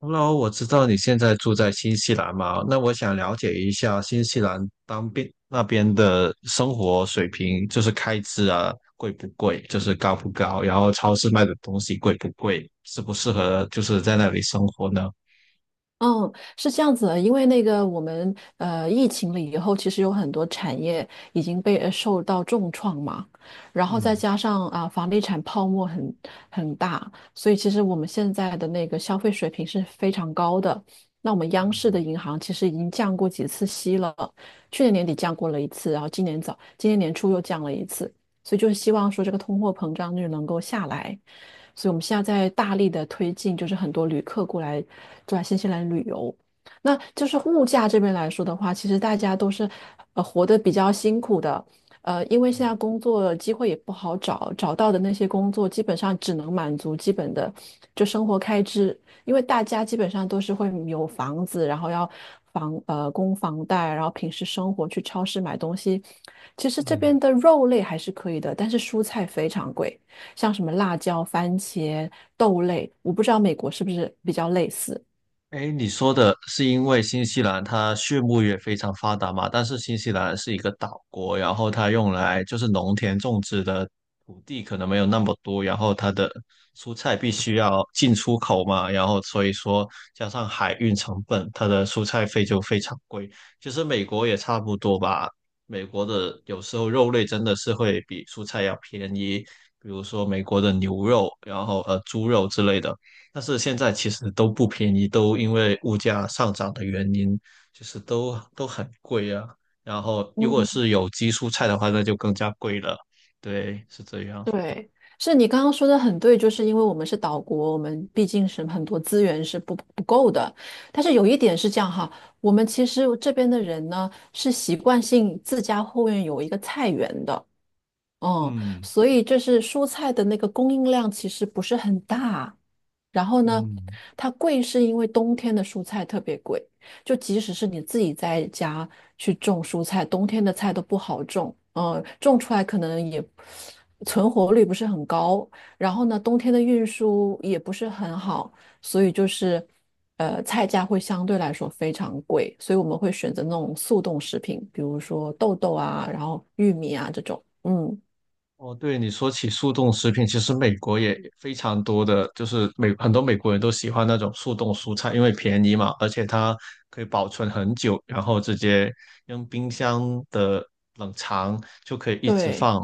Hello，我知道你现在住在新西兰嘛，那我想了解一下新西兰当边那边的生活水平，就是开支啊，贵不贵，就是高不高，然后超市卖的东西贵不贵，适不适合就是在那里生活呢？嗯，是这样子的，因为那个我们疫情了以后，其实有很多产业已经受到重创嘛，然后再嗯加上啊、房地产泡沫很大，所以其实我们现在的那个消费水平是非常高的。那我们央视的银行其实已经降过几次息了，去年年底降过了一次，然后今年年初又降了一次，所以就是希望说这个通货膨胀率能够下来。所以我们现在在大力的推进，就是很多旅客过来新西兰旅游。那就是物价这边来说的话，其实大家都是活得比较辛苦的，因为现在工作机会也不好找，找到的那些工作基本上只能满足基本的就生活开支，因为大家基本上都是会有房子，然后要供房贷，然后平时生活去超市买东西，其实这嗯。边的肉类还是可以的，但是蔬菜非常贵。像什么辣椒、番茄、豆类，我不知道美国是不是比较类似。哎，你说的是因为新西兰它畜牧业非常发达嘛？但是新西兰是一个岛国，然后它用来就是农田种植的土地可能没有那么多，然后它的蔬菜必须要进出口嘛，然后所以说加上海运成本，它的蔬菜费就非常贵。其实美国也差不多吧，美国的有时候肉类真的是会比蔬菜要便宜，比如说美国的牛肉，然后猪肉之类的。但是现在其实都不便宜，都因为物价上涨的原因，就是都很贵啊。然后如果嗯，是有机蔬菜的话，那就更加贵了。对，是这样。对，是你刚刚说的很对，就是因为我们是岛国，我们毕竟是很多资源是不够的。但是有一点是这样哈，我们其实这边的人呢是习惯性自家后院有一个菜园的，嗯，嗯所以就是蔬菜的那个供应量其实不是很大。然后呢，嗯。它贵是因为冬天的蔬菜特别贵，就即使是你自己在家去种蔬菜，冬天的菜都不好种，种出来可能也存活率不是很高。然后呢，冬天的运输也不是很好，所以就是菜价会相对来说非常贵，所以我们会选择那种速冻食品，比如说豆豆啊，然后玉米啊这种，嗯。哦，对，你说起速冻食品，其实美国也非常多的，就是美很多美国人都喜欢那种速冻蔬菜，因为便宜嘛，而且它可以保存很久，然后直接用冰箱的冷藏就可以一直对，放，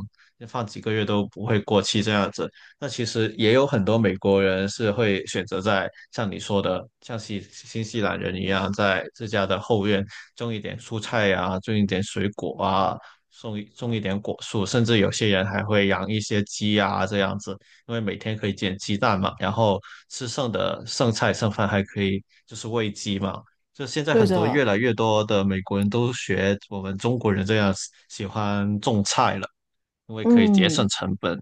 放几个月都不会过期这样子。那其实也有很多美国人是会选择在像你说的，像新西兰人一样，在自家的后院种一点蔬菜呀，种一点水果啊，种一点果树，甚至有些人还会养一些鸡啊这样子，因为每天可以捡鸡蛋嘛，然后吃剩的剩菜剩饭还可以就是喂鸡嘛。就现在对很多越的，来越多的美国人都学我们中国人这样喜欢种菜了，因为可以节省嗯，成本。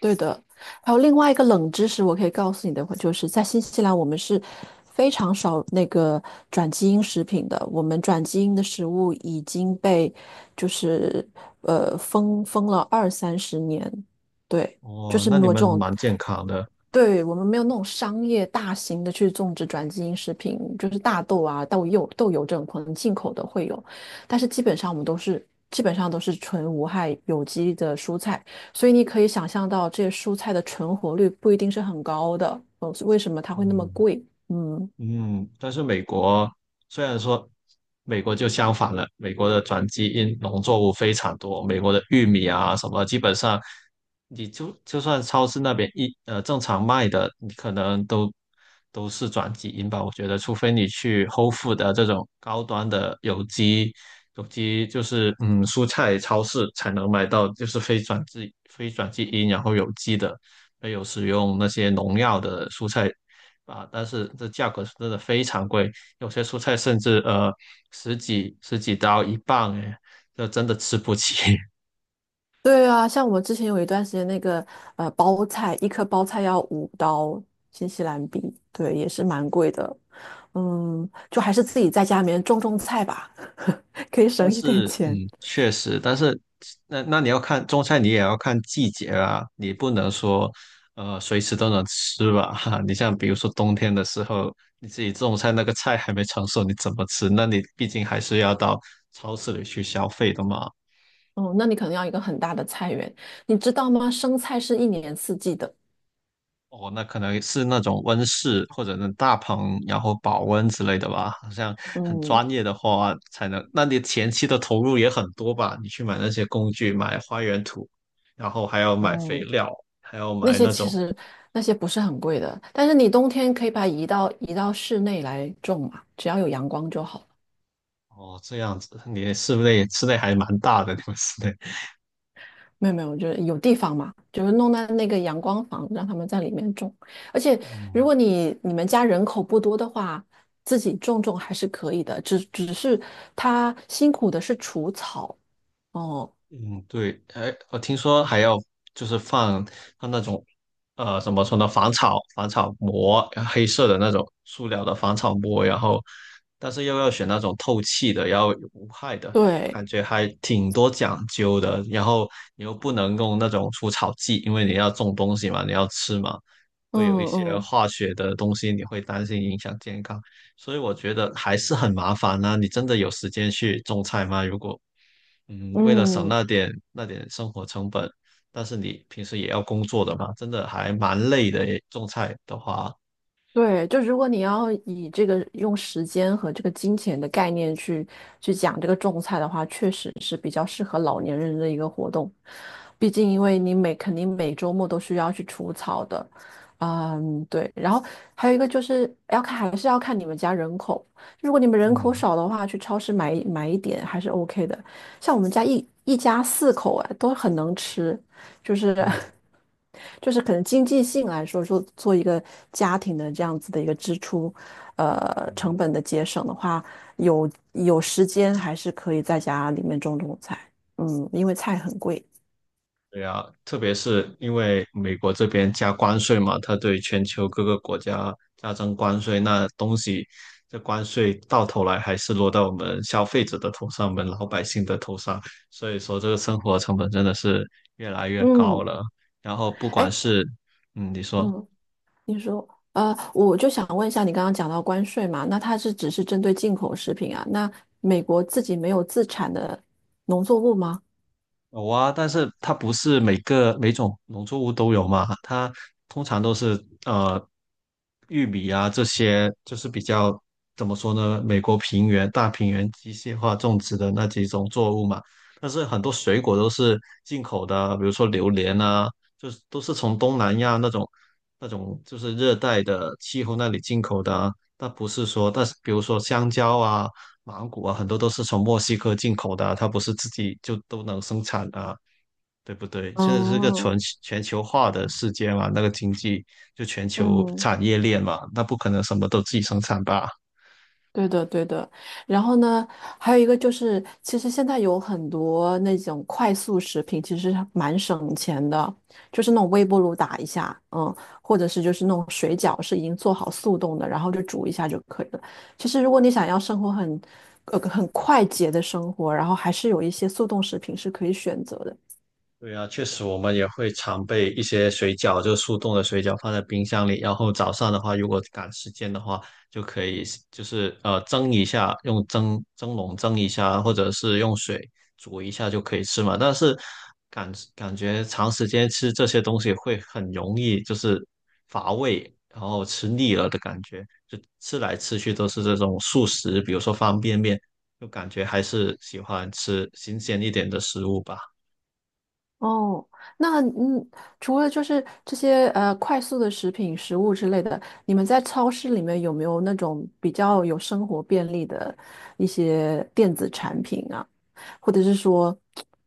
对的。还有另外一个冷知识，我可以告诉你的话，就是在新西兰，我们是非常少那个转基因食品的。我们转基因的食物已经被就是封了二三十年，对，就哦，是那没你有这们种蛮健康的，对，我们没有那种商业大型的去种植转基因食品，就是大豆啊、豆柚、豆油这种可能进口的会有，但是基本上我们都是基本上都是纯无害有机的蔬菜，所以你可以想象到这些蔬菜的存活率不一定是很高的，为什么它会那么嗯。贵？嗯，嗯，但是美国虽然说美国就相反了，美国的转基因农作物非常多，美国的玉米啊什么，基本上你就就算超市那边正常卖的，你可能都是转基因吧。我觉得，除非你去 Whole Food 的这种高端的有机就是蔬菜超市才能买到，就是非转基因然后有机的。没有使用那些农药的蔬菜啊，但是这价格是真的非常贵，有些蔬菜甚至十几刀一磅，哎，这真的吃不起。对啊，像我们之前有一段时间那个包菜，一颗包菜要5刀新西兰币，对，也是蛮贵的，嗯，就还是自己在家里面种种菜吧。可以但省一点是嗯，钱。确实，但是那你要看种菜，你也要看季节啊，你不能说随时都能吃吧。哈，你像比如说冬天的时候，你自己种菜那个菜还没成熟，你怎么吃？那你毕竟还是要到超市里去消费的嘛。哦，那你可能要一个很大的菜园，你知道吗？生菜是一年四季的。哦，那可能是那种温室或者那大棚，然后保温之类的吧。好像很嗯专业的话才能，那你前期的投入也很多吧？你去买那些工具，买花园土，然后还要买肥嗯，料，还要那买些那其种，实那些不是很贵的，但是你冬天可以把它移到室内来种嘛，只要有阳光就好了。哦，这样子，你室内还蛮大的，你们室内。没有没有，就是有地方嘛，就是弄在那个阳光房，让他们在里面种。而且如嗯果你们家人口不多的话，自己种种还是可以的，只是他辛苦的是除草。哦，嗯，对，哎，我听说还要就是放那种，怎么说呢，防草膜，黑色的那种塑料的防草膜，然后，但是又要选那种透气的，要有无害的，我对，感觉还挺多讲究的。然后你又不能用那种除草剂，因为你要种东西嘛，你要吃嘛，嗯会有一些嗯化学的东西，你会担心影响健康，所以我觉得还是很麻烦呢、你真的有时间去种菜吗？如果嗯，为了省嗯，那点生活成本，但是你平时也要工作的嘛，真的还蛮累的诶种菜的话，对，就如果你要以这个用时间和这个金钱的概念去去讲这个种菜的话，确实是比较适合老年人的一个活动。毕竟，因为肯定每周末都需要去除草的，嗯，对。然后还有一个就是要看，还是要看你们家人口。如果你们人口嗯少的话，去超市买一点还是 OK 的。像我们家一家四口啊，都很能吃。就是 嗯 就是可能经济性来说，说做一个家庭的这样子的一个支出，呃，嗯，成本的节省的话，有有时间还是可以在家里面种种菜，嗯，因为菜很贵，对啊，特别是因为美国这边加关税嘛，它对全球各个国家加征关税，那东西这关税到头来还是落到我们消费者的头上，我们老百姓的头上，所以说这个生活成本真的是越来越高嗯，了。然后不管哎，是嗯，你说。嗯，你说，我就想问一下，你刚刚讲到关税嘛，那它是只是针对进口食品啊？那美国自己没有自产的农作物吗？有啊，但是它不是每个每种农作物都有嘛，它通常都是玉米啊这些，就是比较怎么说呢，美国平原大平原机械化种植的那几种作物嘛。但是很多水果都是进口的啊，比如说榴莲啊，就是都是从东南亚那种就是热带的气候那里进口的啊。那不是说，但是比如说香蕉啊，芒果啊，很多都是从墨西哥进口的啊它不是自己就都能生产啊，对不对？现在是个哦，全球化的世界嘛，那个经济就全球嗯。产业链嘛，那不可能什么都自己生产吧？对的，对的。然后呢，还有一个就是，其实现在有很多那种快速食品，其实蛮省钱的，就是那种微波炉打一下，嗯，或者是就是那种水饺是已经做好速冻的，然后就煮一下就可以了。其实如果你想要生活很，呃，很快捷的生活，然后还是有一些速冻食品是可以选择的。对啊，确实我们也会常备一些水饺，就是速冻的水饺放在冰箱里，然后早上的话，如果赶时间的话，就可以就是蒸一下，用蒸笼蒸一下，或者是用水煮一下就可以吃嘛。但是感觉长时间吃这些东西会很容易就是乏味，然后吃腻了的感觉，就吃来吃去都是这种速食，比如说方便面，就感觉还是喜欢吃新鲜一点的食物吧。哦，那除了就是这些快速的食品、食物之类的，你们在超市里面有没有那种比较有生活便利的一些电子产品啊？或者是说，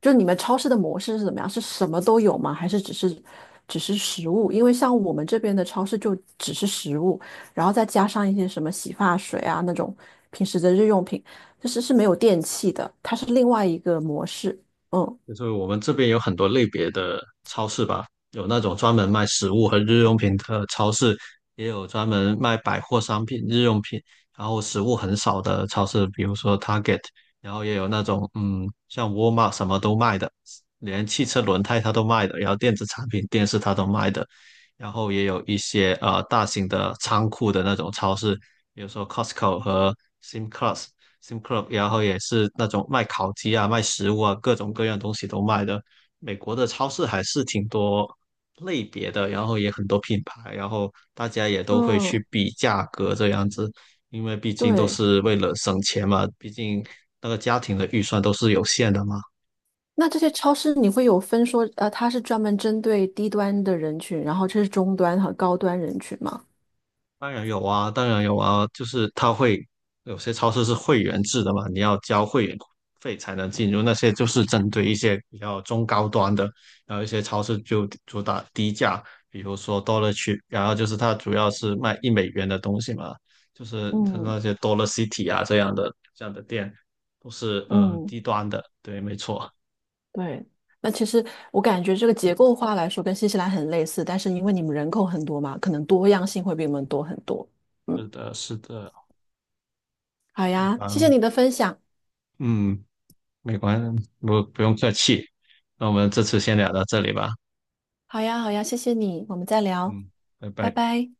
就你们超市的模式是怎么样？是什么都有吗？还是只是食物？因为像我们这边的超市就只是食物，然后再加上一些什么洗发水啊那种平时的日用品，就是是没有电器的，它是另外一个模式。嗯就是我们这边有很多类别的超市吧，有那种专门卖食物和日用品的超市，也有专门卖百货商品、日用品，然后食物很少的超市，比如说 Target,然后也有那种嗯，像沃尔玛什么都卖的，连汽车轮胎它都卖的，然后电子产品、电视它都卖的，然后也有一些大型的仓库的那种超市，比如说 Costco 和 Simclast，Sim Club,然后也是那种卖烤鸡啊、卖食物啊，各种各样东西都卖的。美国的超市还是挺多类别的，然后也很多品牌，然后大家也都会嗯，去比价格这样子，因为毕竟都对。是为了省钱嘛，毕竟那个家庭的预算都是有限的嘛。那这些超市你会有分说，呃，它是专门针对低端的人群，然后这是中端和高端人群吗？当然有啊，当然有啊，就是它会有些超市是会员制的嘛，你要交会员费才能进入，那些就是针对一些比较中高端的，然后一些超市就主打低价，比如说 Dollar Tree,然后就是它主要是卖一美元的东西嘛，就是它嗯那些 Dollar City 啊这样的店都是嗯，低端的，对，没错，对。那其实我感觉这个结构化来说跟新西兰很类似，但是因为你们人口很多嘛，可能多样性会比我们多很多。嗯，是的，是的，好好呀，吧，谢谢你的分享。嗯，没关，不用客气，那我们这次先聊到这里吧。好呀，好呀，谢谢你，我们再聊，嗯，拜拜拜。拜。